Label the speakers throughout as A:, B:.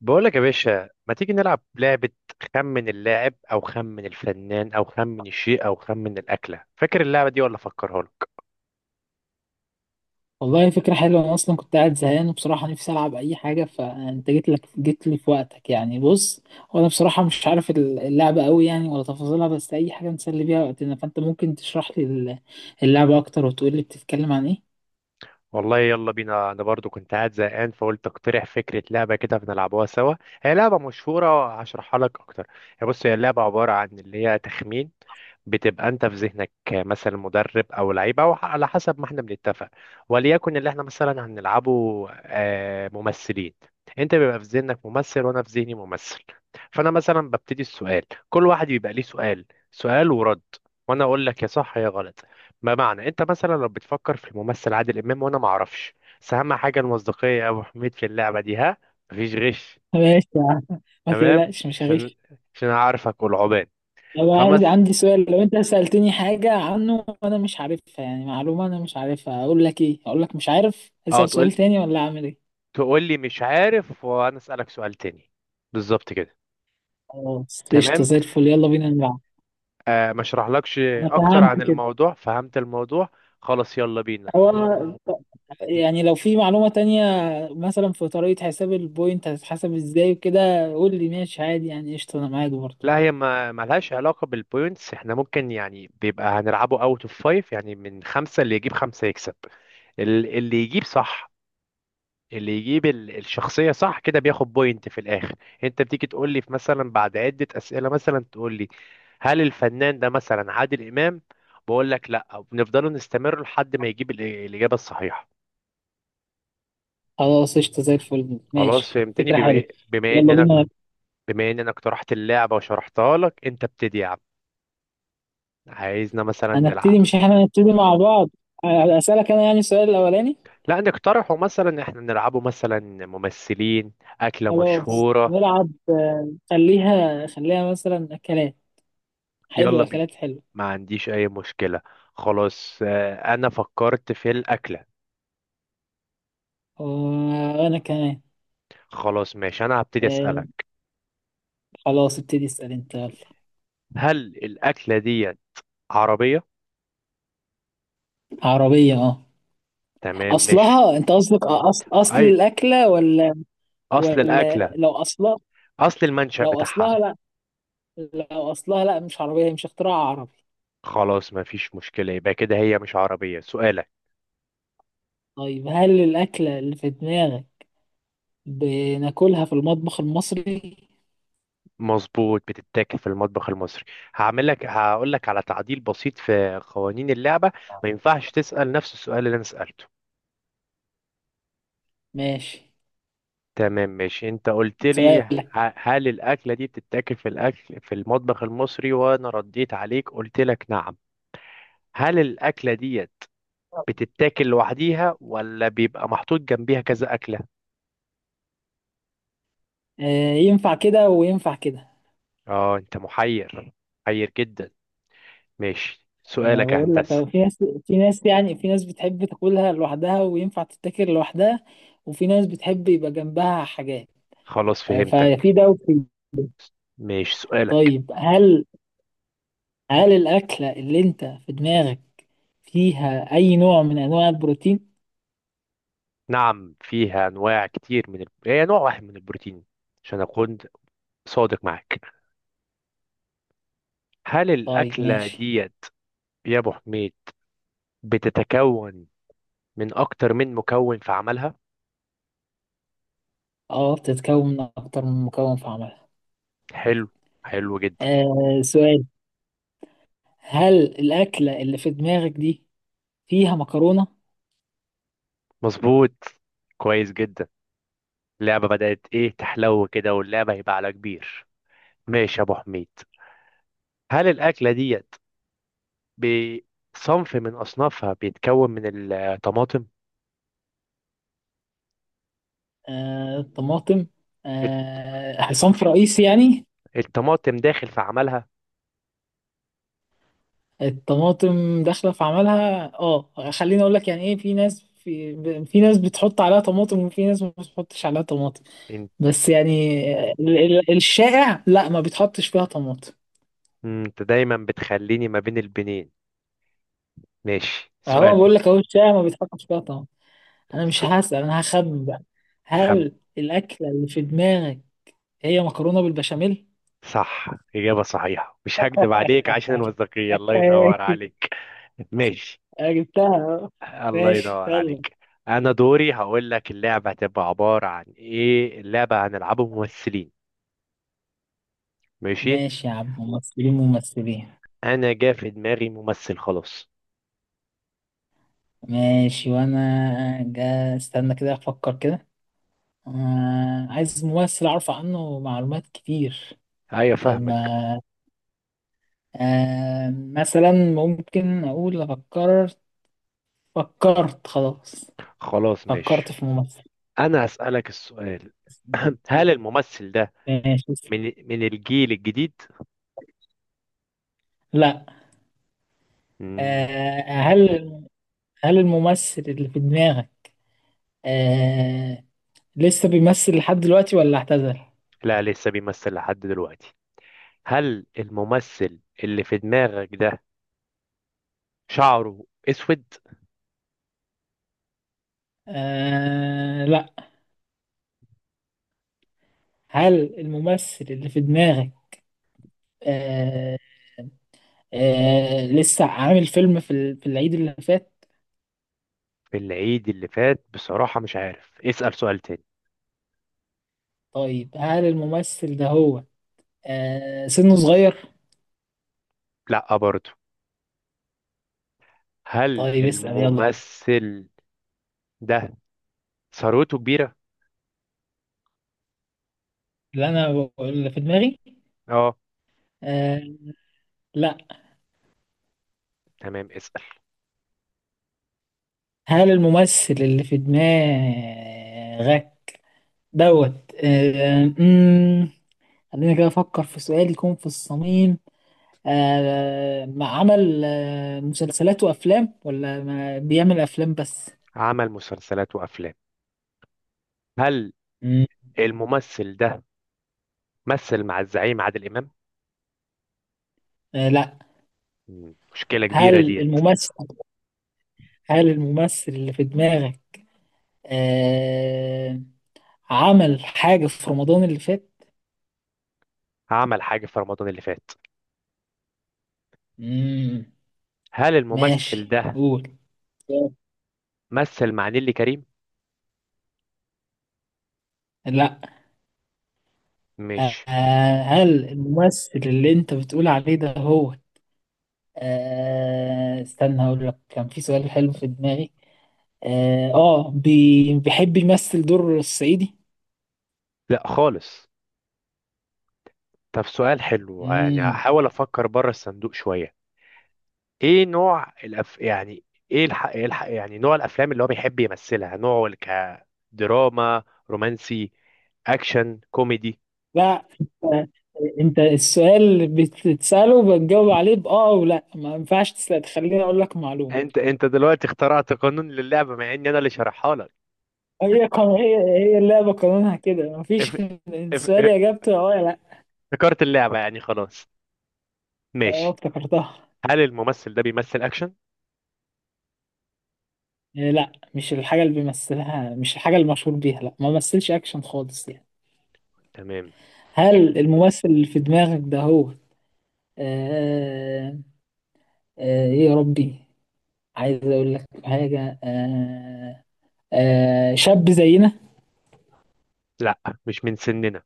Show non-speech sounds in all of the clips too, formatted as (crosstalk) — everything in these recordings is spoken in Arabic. A: بقولك يا باشا ما تيجي نلعب لعبة؟ خمن اللاعب أو خمن الفنان أو خمن الشيء أو خمن الأكلة. فاكر اللعبة دي ولا أفكرها لك؟
B: والله فكرة حلوة. أنا أصلا كنت قاعد زهقان وبصراحة نفسي ألعب أي حاجة، فأنت جيت لي في وقتك يعني. بص، وأنا بصراحة مش عارف اللعبة أوي يعني ولا تفاصيلها، بس أي حاجة نسلي بيها وقتنا. فأنت ممكن تشرح لي اللعبة أكتر وتقول لي بتتكلم عن إيه؟
A: والله يلا بينا، أنا برضو كنت قاعد زهقان فقلت أقترح فكرة لعبة كده بنلعبوها سوا. هي لعبة مشهورة هشرحها لك أكتر. بص، هي اللعبة عبارة عن اللي هي تخمين. بتبقى انت في ذهنك مثلا مدرب او لعيبه، او على حسب ما احنا بنتفق. وليكن اللي احنا مثلا هنلعبه ممثلين. انت بيبقى في ذهنك ممثل وانا في ذهني ممثل. فانا مثلا ببتدي السؤال. كل واحد بيبقى ليه سؤال، سؤال ورد. وانا اقول لك يا صح يا غلط. ما معنى؟ انت مثلا لو بتفكر في الممثل عادل امام وانا ما اعرفش. بس اهم حاجه المصداقيه يا ابو حميد في اللعبه دي، ها. مفيش غش.
B: (laughs) ماشي يا عم. ما
A: تمام.
B: تقلقش، مش
A: عشان
B: هغش.
A: عشان اعرفك والعباد.
B: طب
A: فمس.
B: عندي سؤال، لو أنت سألتني حاجة عنه وأنا مش عارفها، يعني معلومة أنا مش عارفها، أقول لك إيه؟ أقول لك مش عارف،
A: اه،
B: أسأل
A: تقول
B: سؤال تاني، ولا أعمل إيه؟
A: تقول لي مش عارف وانا اسالك سؤال تاني. بالظبط كده.
B: خلاص قشطة
A: تمام.
B: زي الفل، يلا بينا نلعب.
A: ما اشرحلكش
B: أنا
A: اكتر
B: فهمت
A: عن
B: كده.
A: الموضوع، فهمت الموضوع. خلاص يلا بينا.
B: هو يعني لو في معلومة تانية، مثلا في طريقة حساب البوينت هتتحسب ازاي وكده، قول لي ماشي عادي يعني قشطة، انا معاك برضه.
A: لا، هي ما ملهاش علاقة بالبوينتس. احنا ممكن يعني بيبقى هنلعبه اوت اوف فايف، يعني من خمسة اللي يجيب خمسة يكسب. اللي يجيب صح، اللي يجيب الشخصية صح كده بياخد بوينت في الآخر. انت بتيجي تقول لي في مثلا بعد عدة أسئلة، مثلا تقول لي هل الفنان ده مثلا عادل إمام؟ بقول لك لا، وبنفضل نستمر لحد ما يجيب الإجابة الصحيحة.
B: خلاص قشطة زي الفل،
A: خلاص
B: ماشي
A: فهمتني
B: فكرة
A: بما
B: حلوة،
A: إيه، بما ان
B: يلا
A: انا
B: بينا.
A: بما ان انا اقترحت اللعبة وشرحتها لك، انت ابتدي يا عم. عايزنا مثلا
B: هنبتدي؟
A: نلعب.
B: مش احنا هنبتدي مع بعض؟ اسألك انا يعني السؤال الاولاني؟
A: لا نقترحه، مثلا احنا نلعبه مثلا ممثلين. أكلة
B: خلاص
A: مشهورة.
B: نلعب. خليها مثلا اكلات. حلو،
A: يلا بينا.
B: اكلات حلو.
A: ما عنديش اي مشكلة. خلاص، انا فكرت في الاكلة.
B: وانا كمان.
A: خلاص ماشي، انا هبتدي
B: آه،
A: اسألك.
B: خلاص ابتدي اسأل انت، يلا.
A: هل الاكلة دي عربية؟
B: عربية، اه.
A: تمام. مش
B: اصلها؟ انت قصدك اصل
A: اي،
B: الاكلة ولا؟
A: اصل
B: ولا
A: الاكلة
B: لو اصلها،
A: اصل المنشأ
B: لو
A: بتاعها.
B: اصلها لا، لو اصلها لا، مش عربية، هي مش اختراع عربي.
A: خلاص، ما فيش مشكلة. يبقى كده هي مش عربية. سؤالك.
B: طيب هل الأكلة اللي في دماغك بناكلها في المطبخ المصري؟
A: مظبوط، بتتاكل في المطبخ المصري. هعمل لك هقول لك على تعديل بسيط في قوانين اللعبة. ما ينفعش تسأل نفس السؤال اللي انا سألته.
B: ماشي
A: تمام ماشي. انت قلت لي
B: سؤالك.
A: هل الاكله دي بتتاكل في المطبخ المصري، وانا رديت عليك قلت لك نعم. هل الاكله ديت بتتاكل لوحديها ولا بيبقى محطوط جنبيها كذا اكله؟
B: آه ينفع كده وينفع كده.
A: اه انت محير، محير جدا. ماشي
B: أنا
A: سؤالك يا
B: بقول لك
A: هندسه.
B: أهو، في ناس، في ناس بتحب تاكلها لوحدها وينفع تتاكل لوحدها، وفي ناس بتحب يبقى جنبها حاجات.
A: خلاص
B: آه،
A: فهمتك.
B: ففي ده وفي ده.
A: ماشي سؤالك.
B: طيب هل الأكلة اللي أنت في دماغك فيها أي نوع من أنواع البروتين؟
A: نعم فيها انواع كتير من هي نوع واحد من البروتين، عشان اكون صادق معاك. هل
B: طيب
A: الاكله
B: ماشي.
A: ديت يا ابو حميد بتتكون من اكتر من مكون في عملها؟
B: اه بتتكون من اكتر من مكون في عملها.
A: حلو، حلو جدا.
B: آه، سؤال. هل الاكله اللي في دماغك دي فيها مكرونه؟
A: مظبوط، كويس جدا. اللعبة بدأت ايه تحلو كده، واللعبة هيبقى على كبير. ماشي يا ابو حميد. هل الاكلة ديت بصنف من اصنافها بيتكون من الطماطم؟
B: آه طماطم.
A: الت-
B: آه، صنف رئيسي يعني؟
A: الطماطم داخل في عملها.
B: الطماطم داخله في عملها اه، خليني اقول لك يعني ايه. في ناس، في ناس بتحط عليها طماطم، وفي ناس ما بتحطش عليها طماطم.
A: انت
B: بس يعني الشائع لا، ما بيتحطش فيها طماطم.
A: إنت دايما بتخليني ما بين البنين. ماشي
B: هو
A: سؤال.
B: بقول لك اهو، الشائع ما بيتحطش فيها طماطم. انا مش
A: سؤال
B: هسأل، انا هخمن بقى.
A: خم
B: هل الاكله اللي في دماغك هي مكرونه بالبشاميل؟
A: صح، إجابة صحيحة. مش هكدب عليك عشان
B: (laughs)
A: الوثائقية، الله ينور
B: ماشي.
A: عليك. ماشي.
B: أنا جبتها أهو.
A: الله
B: ماشي
A: ينور
B: يلا.
A: عليك. انا دوري هقول لك اللعبه هتبقى عباره عن ايه. اللعبه هنلعبه ممثلين. ماشي.
B: ماشي يا عم، ممثلين ممثلين.
A: انا جا في دماغي ممثل، خلاص.
B: ماشي وانا جا، استنى كده افكر كده. آه، عايز ممثل اعرف عنه معلومات كتير
A: ايوه
B: عشان
A: فاهمك.
B: ما. مثلا ممكن اقول فكرت، فكرت خلاص.
A: خلاص
B: فكرت
A: ماشي.
B: في ممثل.
A: انا هسالك السؤال. (clears throat) هل الممثل ده
B: ماشي.
A: من من الجيل الجديد؟
B: لا.
A: مم.
B: آه، هل هل الممثل اللي في دماغك آه، لسه بيمثل لحد دلوقتي ولا اعتزل؟
A: لا لسه بيمثل لحد دلوقتي. هل الممثل اللي في دماغك ده شعره اسود؟
B: آه، لا. هل الممثل اللي في دماغك آه، لسه عامل فيلم في العيد اللي فات؟
A: في العيد اللي فات بصراحه مش عارف، اسال سؤال تاني.
B: طيب هل الممثل ده هو سنه صغير؟
A: لا برضه. هل
B: طيب اسأل يلا.
A: الممثل ده ثروته كبيرة؟
B: اللي في دماغي،
A: اه.
B: آه، لا.
A: تمام اسأل.
B: هل الممثل اللي في دماغك دوت آه، خلينا كده افكر في سؤال يكون في الصميم. ما عمل مسلسلات وافلام، ولا ما بيعمل افلام بس؟
A: عمل مسلسلات وأفلام. هل
B: مم.
A: الممثل ده مثل مع الزعيم عادل إمام؟
B: آه لا.
A: مشكلة كبيرة
B: هل
A: ديت.
B: الممثل هل الممثل اللي في دماغك آه عمل حاجة في رمضان اللي فات؟
A: عمل حاجة في رمضان اللي فات.
B: مم.
A: هل الممثل
B: ماشي
A: ده
B: قول.
A: مثل مع نيللي كريم؟
B: لا. آه،
A: مش
B: هل الممثل اللي انت بتقول عليه ده هو استنى، هقول لك كان في سؤال حلو في دماغي. اه، بيحب يمثل دور الصعيدي.
A: لا خالص. طب سؤال حلو، يعني
B: امم.
A: هحاول أفكر بره الصندوق شوية. ايه نوع يعني ايه يعني نوع الافلام اللي هو بيحب يمثلها، نوعه كدراما، رومانسي، اكشن، كوميدي؟
B: لا انت، السؤال اللي بتسأله بتجاوب عليه بآه، ولا ما ينفعش تسأل تخليني اقول لك معلومة؟
A: انت دلوقتي اخترعت قانون للعبه مع اني انا اللي شرحها لك.
B: هي اللعبة قانونها كده،
A: اف...
B: مفيش.
A: اف...
B: السؤال
A: إف-
B: اجابته اه يا لا.
A: افتكرت اللعبه يعني، خلاص.
B: اه
A: ماشي.
B: افتكرتها.
A: هل الممثل ده بيمثل اكشن؟
B: إيه، لا مش الحاجة اللي بيمثلها، مش الحاجة المشهور بيها، لا ما مثلش اكشن خالص يعني.
A: تمام.
B: هل الممثل اللي في دماغك ده هو، آه ايه يا ربي، عايز اقول لك حاجه. شاب زينا.
A: لا مش من سننا.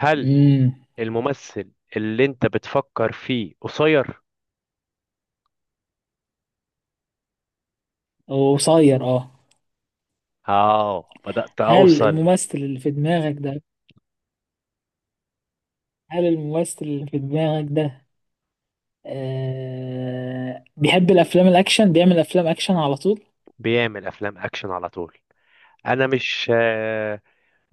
A: هل
B: امم.
A: الممثل اللي انت بتفكر فيه قصير؟
B: وقصير، اه.
A: اه بدأت
B: هل
A: اوصل.
B: الممثل اللي في دماغك ده هل الممثل اللي في دماغك ده بيحب الافلام الاكشن، بيعمل افلام اكشن على طول؟
A: بيعمل افلام اكشن على طول. انا مش آه،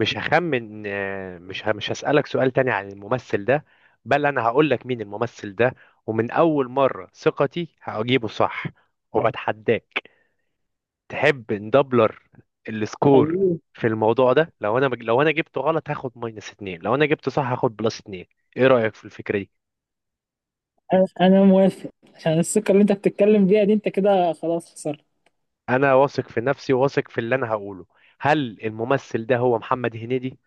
A: مش هخمن، مش هسألك سؤال تاني عن الممثل ده. بل انا هقول لك مين الممثل ده. ومن اول مرة ثقتي هجيبه صح، وبتحداك. تحب ندبلر
B: طب
A: السكور
B: إيه؟
A: في الموضوع ده؟ لو انا جبته غلط هاخد ماينس اتنين، لو انا جبته صح هاخد بلس اتنين. ايه رأيك في الفكرة دي؟
B: أنا موافق. عشان الثقه اللي انت بتتكلم بيها دي، انت كده خلاص خسرت.
A: انا واثق في نفسي، وواثق في اللي انا هقوله. هل الممثل ده هو محمد هنيدي؟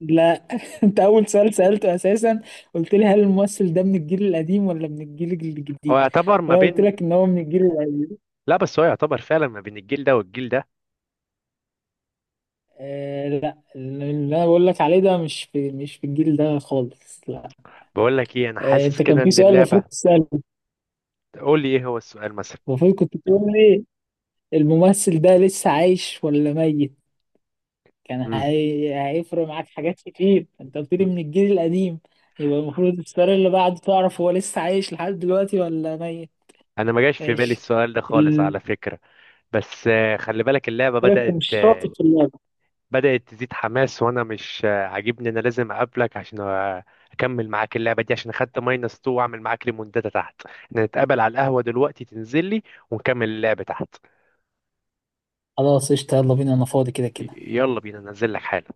B: لا. (laughs) انت اول سؤال سالته اساسا قلت لي هل الممثل ده من الجيل القديم ولا من الجيل
A: هو
B: الجديد.
A: يعتبر ما
B: وانا قلت
A: بين.
B: لك ان هو من الجيل القديم.
A: لا بس هو يعتبر فعلا ما بين الجيل ده والجيل ده.
B: آه لا، اللي انا بقول لك عليه ده مش في الجيل ده خالص، لا.
A: بقول لك ايه، انا
B: آه
A: حاسس
B: انت، كان
A: كده
B: في
A: ان
B: سؤال
A: اللعبه.
B: المفروض تساله.
A: قول لي ايه هو السؤال مثلا.
B: المفروض كنت تقول لي، الممثل ده لسه عايش ولا ميت.
A: امم.
B: هيفرق معاك حاجات كتير. انت قلت لي من الجيل القديم، يبقى المفروض السؤال اللي بعده تعرف هو لسه عايش لحد دلوقتي ولا ميت.
A: انا ما جاش في بالي
B: ماشي.
A: السؤال ده خالص
B: ال...
A: على فكره. بس خلي بالك اللعبه
B: قلت لك مش شاطر في اللعبه.
A: بدات تزيد حماس، وانا مش عاجبني. انا لازم اقابلك عشان اكمل معاك اللعبه دي، عشان خدت ماينس 2. واعمل معاك ليموندادا تحت. احنا نتقابل على القهوه دلوقتي، تنزل لي ونكمل اللعبه تحت.
B: خلاص قشطة يلا بينا، انا فاضي كده
A: ي-
B: كده.
A: يلا بينا ننزل لك حالا.